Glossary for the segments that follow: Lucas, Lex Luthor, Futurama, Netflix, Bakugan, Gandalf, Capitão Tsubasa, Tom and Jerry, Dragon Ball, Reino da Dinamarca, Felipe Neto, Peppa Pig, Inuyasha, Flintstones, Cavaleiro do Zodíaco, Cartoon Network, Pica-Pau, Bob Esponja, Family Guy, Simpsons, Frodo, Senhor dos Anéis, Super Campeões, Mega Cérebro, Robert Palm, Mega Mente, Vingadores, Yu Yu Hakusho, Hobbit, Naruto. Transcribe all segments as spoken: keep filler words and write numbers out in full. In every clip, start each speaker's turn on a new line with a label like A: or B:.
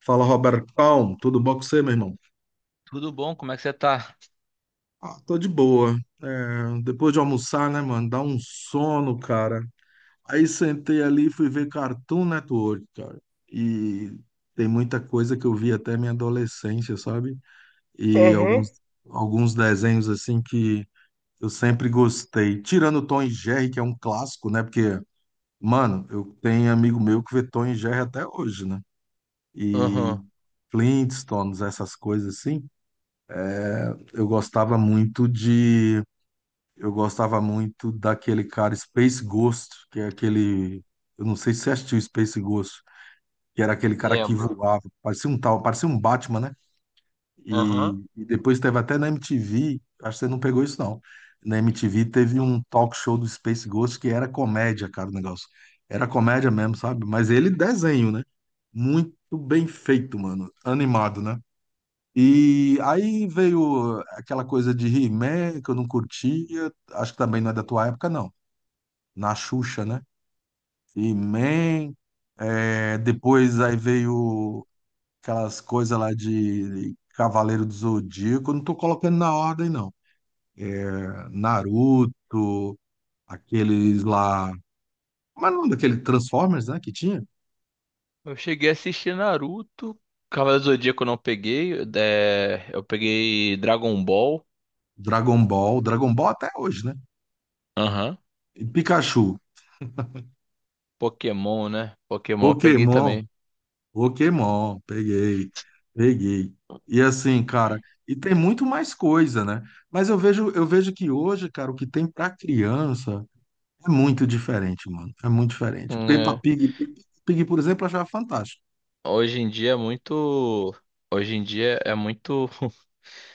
A: Fala, Robert Palm, tudo bom com você, meu irmão?
B: Tudo bom? Como é que você tá?
A: Ah, tô de boa. É, depois de almoçar, né, mano? Dá um sono, cara. Aí sentei ali e fui ver Cartoon Network, cara. E tem muita coisa que eu vi até minha adolescência, sabe? E
B: Aham.
A: alguns, alguns desenhos, assim, que eu sempre gostei. Tirando Tom e Jerry, que é um clássico, né? Porque, mano, eu tenho amigo meu que vê Tom e Jerry até hoje, né? E
B: Aham,
A: Flintstones, essas coisas assim. Eu gostava muito de. Eu gostava muito daquele cara Space Ghost, que é aquele. Eu não sei se você assistiu Space Ghost, que era aquele cara que
B: lembro.
A: voava, parecia um tal, parecia um Batman, né?
B: Aham.
A: E, e depois teve até na M T V, acho que você não pegou isso não. Na M T V teve um talk show do Space Ghost que era comédia, cara, o negócio. Era comédia mesmo, sabe? Mas ele desenho, né? Muito bem feito, mano. Animado, né? E aí veio aquela coisa de He-Man que eu não curtia, acho que também não é da tua época, não. Na Xuxa, né? He-Man, é, depois aí veio aquelas coisas lá de Cavaleiro do Zodíaco, eu não tô colocando na ordem, não. É, Naruto, aqueles lá. Mas não daquele Transformers, né? Que tinha?
B: Eu cheguei a assistir Naruto. Cavaleiro do Zodíaco eu não peguei. é, Eu peguei Dragon Ball.
A: Dragon Ball, Dragon Ball até hoje, né?
B: Aham.
A: E Pikachu,
B: Pokémon, né? Pokémon eu peguei
A: Pokémon.
B: também.
A: Pokémon, peguei, peguei. E assim, cara, e tem muito mais coisa, né? Mas eu vejo, eu vejo que hoje, cara, o que tem pra criança é muito diferente, mano. É muito diferente. Peppa
B: É.
A: Pig, Peppa Pig, por exemplo, eu achava fantástico.
B: Hoje em dia é muito. Hoje em dia é muito.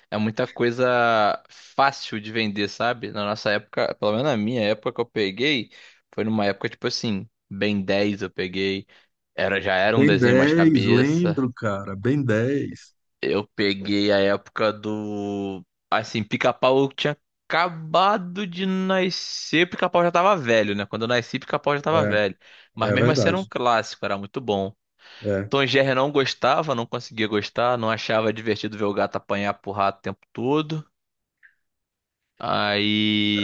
B: É muita coisa fácil de vender, sabe? Na nossa época, pelo menos na minha época que eu peguei, foi numa época tipo assim, Ben dez eu peguei, era já era um
A: Ben
B: desenho mais
A: dez,
B: cabeça.
A: lembro, cara, Ben dez,
B: Eu peguei a época do assim, Pica-Pau tinha acabado de nascer, Pica-Pau já tava velho, né? Quando eu nasci, Pica-Pau já tava
A: é,
B: velho. Mas
A: é
B: mesmo assim era um
A: verdade.
B: clássico, era muito bom.
A: É,
B: Tom e Jerry não gostava, não conseguia gostar, não achava divertido ver o gato apanhar pro rato o tempo todo.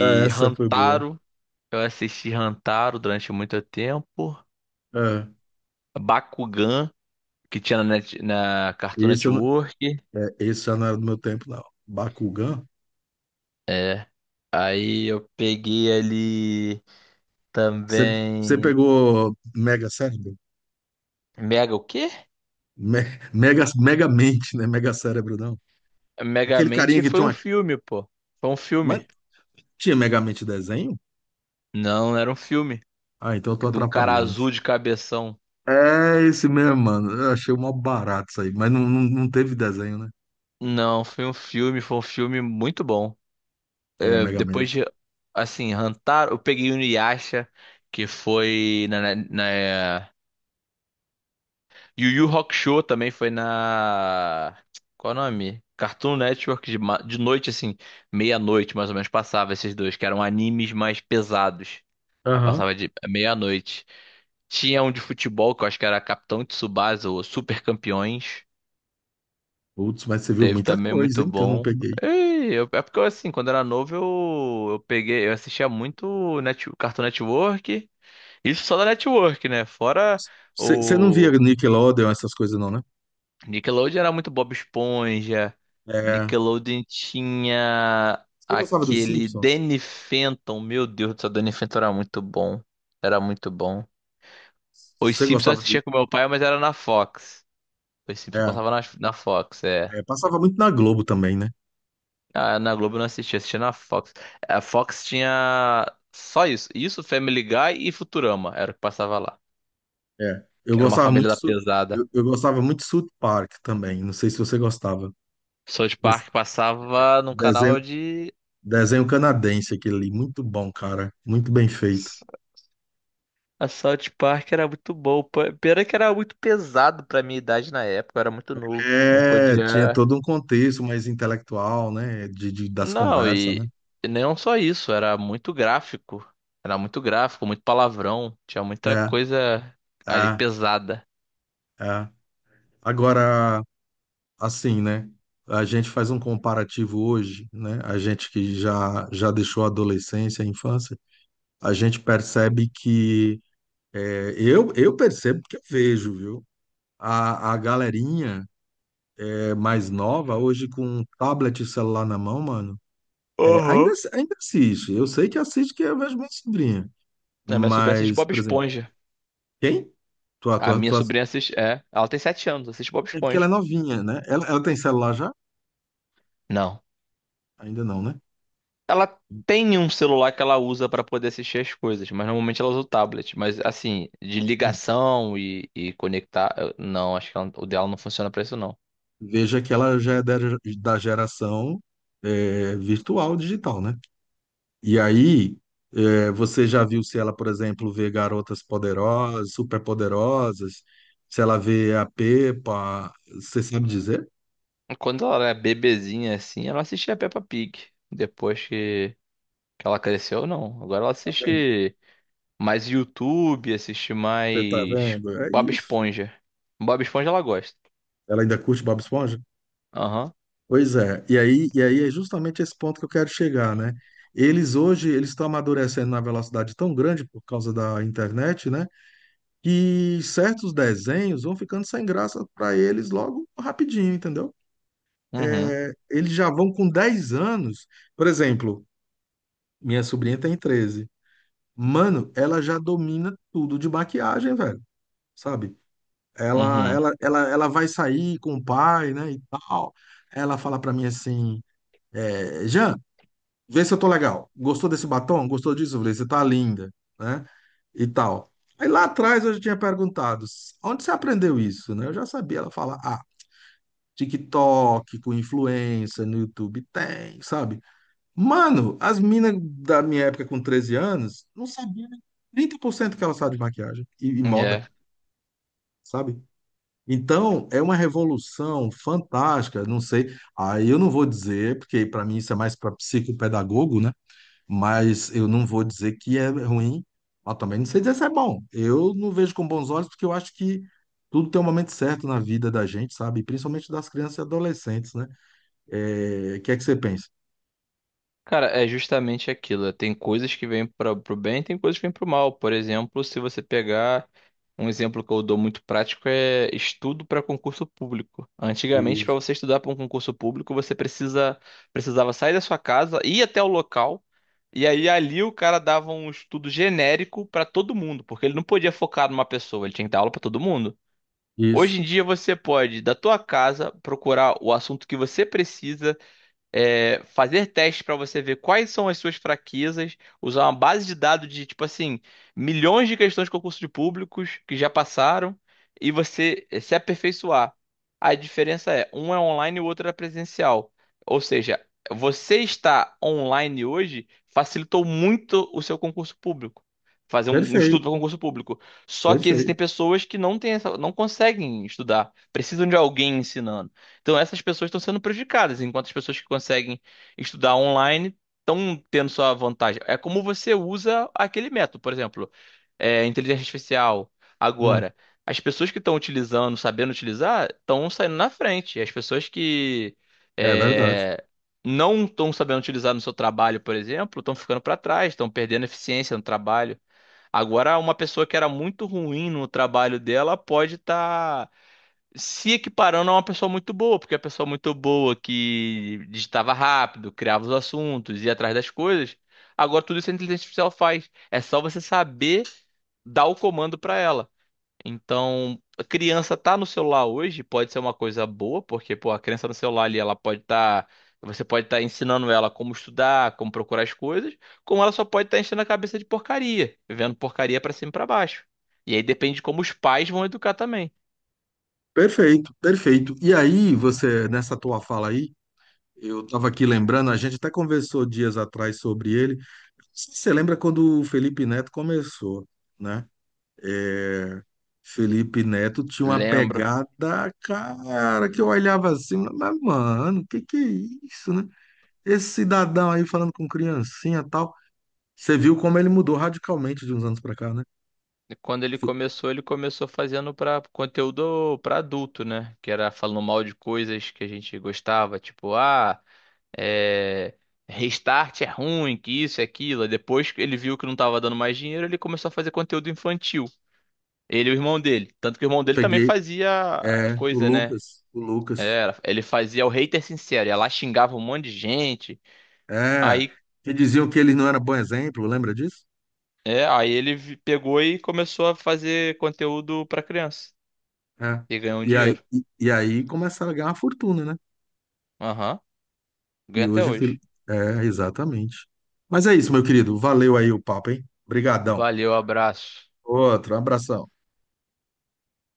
A: é, essa foi boa.
B: Rantaro, eu assisti Rantaro durante muito tempo.
A: É.
B: Bakugan, que tinha na, net, na Cartoon
A: Esse, eu não,
B: Network.
A: é, esse já não era do meu tempo, não. Bakugan?
B: É. Aí eu peguei ali
A: Você você
B: também
A: pegou Mega Cérebro?
B: Mega o quê?
A: Me- Mega, mega mente, né? Mega cérebro, não. Aquele carinha
B: Megamente
A: que
B: foi
A: tinha
B: um
A: uma.
B: filme, pô. Foi um filme.
A: Mas tinha mega mente desenho?
B: Não, não era um filme.
A: Ah, então eu tô
B: De um cara
A: atrapalhando.
B: azul de cabeção.
A: É esse mesmo, mano. Eu achei uma barata isso aí. Mas não, não, não teve desenho, né?
B: Não, foi um filme, foi um filme muito bom.
A: É,
B: é,
A: mega mente.
B: depois de, assim, Hantaro, eu peguei o Inuyasha, que foi na, na, na- Yu Yu Hakusho também foi na... Qual é o nome? Cartoon Network, de, ma- de noite, assim, meia-noite, mais ou menos, passava esses dois, que eram animes mais pesados. Aí
A: Aham.
B: passava de meia-noite. Tinha um de futebol, que eu acho que era Capitão Tsubasa, ou Super Campeões.
A: Putz, mas você viu
B: Teve
A: muita
B: também
A: coisa,
B: muito
A: hein? Que eu não
B: bom.
A: peguei.
B: E eu- é porque assim, quando era novo, eu, eu peguei, eu assistia muito Net, Cartoon Network. Isso só da Network, né? Fora
A: Você você não via
B: o
A: Nickelodeon, essas coisas, não, né?
B: Nickelodeon era muito Bob Esponja.
A: É.
B: Nickelodeon tinha
A: Você gostava dos
B: aquele
A: Simpsons?
B: Danny Phantom. Meu Deus do céu, Danny Phantom era muito bom. Era muito bom. Os
A: Você
B: Simpsons eu
A: gostava do.
B: assistia com meu pai, mas era na Fox. Os Simpsons eu
A: É,
B: passava na, na Fox, é.
A: é, passava muito na Globo também, né?
B: Ah, na Globo eu não assisti, assisti na Fox. A Fox tinha só isso. Isso, Family Guy e Futurama era o que passava lá.
A: É. Eu
B: Que era uma
A: gostava
B: família
A: muito.
B: da
A: Su-
B: pesada.
A: Eu, eu gostava muito de South Park também. Não sei se você gostava.
B: South
A: Esse
B: Park passava num
A: Desenho,
B: canal de.
A: desenho canadense, aquele ali, muito bom, cara, muito bem feito.
B: A South Park era muito bom. P- Pena que era muito pesado pra minha idade na época, eu era muito novo. Não
A: É, tinha
B: podia.
A: todo um contexto mais intelectual, né, de, de- das
B: Não,
A: conversas, né?
B: e e não só isso, era muito gráfico. Era muito gráfico, muito palavrão. Tinha
A: É,
B: muita coisa ali
A: é,
B: pesada.
A: é. Agora, assim, né, a gente faz um comparativo hoje, né, a gente que já, já deixou a adolescência, a infância, a gente percebe que, é, eu, eu percebo que eu vejo, viu? A, a galerinha é, mais nova, hoje com tablet e celular na mão, mano, é, ainda,
B: Aham.
A: ainda assiste. Eu sei que assiste que eu vejo minha sobrinha.
B: A minha sobrinha assiste
A: Mas,
B: Bob
A: por exemplo,
B: Esponja.
A: quem? Tua,
B: A
A: tua,
B: minha
A: tua...
B: sobrinha assiste. É, ela tem sete anos, assiste Bob
A: É porque ela é
B: Esponja.
A: novinha, né? Ela, ela tem celular já?
B: Não.
A: Ainda não, né?
B: Ela tem um celular que ela usa pra poder assistir as coisas, mas normalmente ela usa o tablet. Mas assim, de
A: Hum.
B: ligação e, e conectar. eu- Não, acho que ela- o dela não funciona pra isso, não.
A: Veja que ela já é da, da geração é, virtual, digital, né? E aí, é, você já viu se ela, por exemplo, vê garotas poderosas, superpoderosas, se ela vê a Pepa, você sabe dizer?
B: Quando ela era bebezinha assim, ela assistia Peppa Pig. Depois que, que ela cresceu, não. Agora ela
A: Tá vendo?
B: assiste mais YouTube, assiste
A: Você tá
B: mais
A: vendo? É
B: Bob
A: isso.
B: Esponja. Bob Esponja ela gosta.
A: Ela ainda curte Bob Esponja?
B: Aham.
A: Pois é, e aí, e aí é justamente esse ponto que eu quero chegar, né? Eles hoje, eles estão amadurecendo na velocidade tão grande por causa da internet, né? Que certos desenhos vão ficando sem graça para eles logo rapidinho, entendeu?
B: Uhum.
A: É, eles já vão com dez anos, por exemplo, minha sobrinha tem treze. Mano, ela já domina tudo de maquiagem, velho, sabe? Ela,
B: Uhum.
A: ela, ela, ela vai sair com o pai, né, e tal. Ela fala para mim assim, é, vê se eu tô legal. Gostou desse batom? Gostou disso? Eu falei, você tá linda, né? E tal. Aí lá atrás eu já tinha perguntado, onde você aprendeu isso, né? Eu já sabia. Ela fala, ah, TikTok, com influência, no YouTube tem, sabe? Mano, as minas da minha época com treze anos não sabiam nem trinta por cento que ela sabe de maquiagem e, e moda,
B: É.
A: sabe? Então, é uma revolução fantástica, não sei. Aí eu não vou dizer, porque para mim isso é mais para psicopedagogo, né? Mas eu não vou dizer que é ruim, mas também não sei dizer se é bom. Eu não vejo com bons olhos, porque eu acho que tudo tem um momento certo na vida da gente, sabe? Principalmente das crianças e adolescentes, né? É, o que é que você pensa?
B: Cara, é justamente aquilo. Tem coisas que vêm para o bem, tem coisas que vêm para o mal. Por exemplo, se você pegar um exemplo que eu dou muito prático é estudo para concurso público. Antigamente, para
A: Isso,
B: você estudar para um concurso público, você precisa precisava sair da sua casa, ir até o local, e aí ali o cara dava um estudo genérico para todo mundo, porque ele não podia focar numa pessoa, ele tinha que dar aula para todo mundo.
A: isso.
B: Hoje em dia você pode, da tua casa, procurar o assunto que você precisa é, fazer testes para você ver quais são as suas fraquezas, usar uma base de dados de, tipo assim, milhões de questões de concurso de públicos que já passaram e você eh, se aperfeiçoar. A diferença é, um é online e o outro é presencial. Ou seja, você estar online hoje facilitou muito o seu concurso público. Fazer um um estudo
A: Perfeito,
B: para concurso público. Só que existem
A: perfeito.
B: pessoas que não têm essa- não conseguem estudar, precisam de alguém ensinando. Então essas pessoas estão sendo prejudicadas, enquanto as pessoas que conseguem estudar online estão tendo sua vantagem. É como você usa aquele método, por exemplo, é, inteligência artificial.
A: Hum,
B: Agora, as pessoas que estão utilizando, sabendo utilizar, estão saindo na frente. As pessoas que
A: é verdade.
B: é, não estão sabendo utilizar no seu trabalho, por exemplo, estão ficando para trás, estão perdendo eficiência no trabalho. Agora, uma pessoa que era muito ruim no trabalho dela pode estar se equiparando a uma pessoa muito boa, porque a pessoa muito boa que digitava rápido, criava os assuntos, ia atrás das coisas, agora tudo isso a inteligência artificial faz. É só você saber dar o comando para ela. Então, a criança tá no celular hoje, pode ser uma coisa boa, porque pô, a criança no celular ali, ela pode estar Você pode estar ensinando ela como estudar, como procurar as coisas, como ela só pode estar enchendo a cabeça de porcaria, vendo porcaria para cima e para baixo. E aí depende de como os pais vão educar também.
A: Perfeito, perfeito. E aí, você, nessa tua fala aí, eu estava aqui lembrando, a gente até conversou dias atrás sobre ele. Você lembra quando o Felipe Neto começou, né? Felipe Neto tinha uma
B: Lembro.
A: pegada, cara, que eu olhava assim, mas, mano, que que é isso, né? Esse cidadão aí falando com criancinha e tal. Você viu como ele mudou radicalmente de uns anos pra cá, né?
B: E Quando ele começou, ele começou fazendo para conteúdo para adulto, né? Que era falando mal de coisas que a gente gostava, tipo, ah, é... Restart é ruim, que isso, é aquilo. Aí Depois que ele viu que não tava dando mais dinheiro, ele começou a fazer conteúdo infantil. Ele e o irmão dele. Tanto que o irmão
A: Eu
B: dele também
A: peguei,
B: fazia
A: é, o
B: coisa, né?
A: Lucas, o Lucas,
B: Era, ele fazia o hater sincero, ia lá xingava um monte de gente.
A: é,
B: Aí,
A: que diziam que ele não era bom exemplo, lembra disso?
B: é, aí ele vi- pegou e começou a fazer conteúdo para criança
A: É.
B: e ganhou um
A: E aí,
B: dinheiro.
A: e, e aí começaram a ganhar uma fortuna, né?
B: Aham. Ganha
A: E
B: até
A: hoje, Fili-
B: hoje.
A: é, exatamente. Mas é isso, meu querido, valeu aí o papo, hein? Obrigadão.
B: Valeu, abraço.
A: Outro, abração.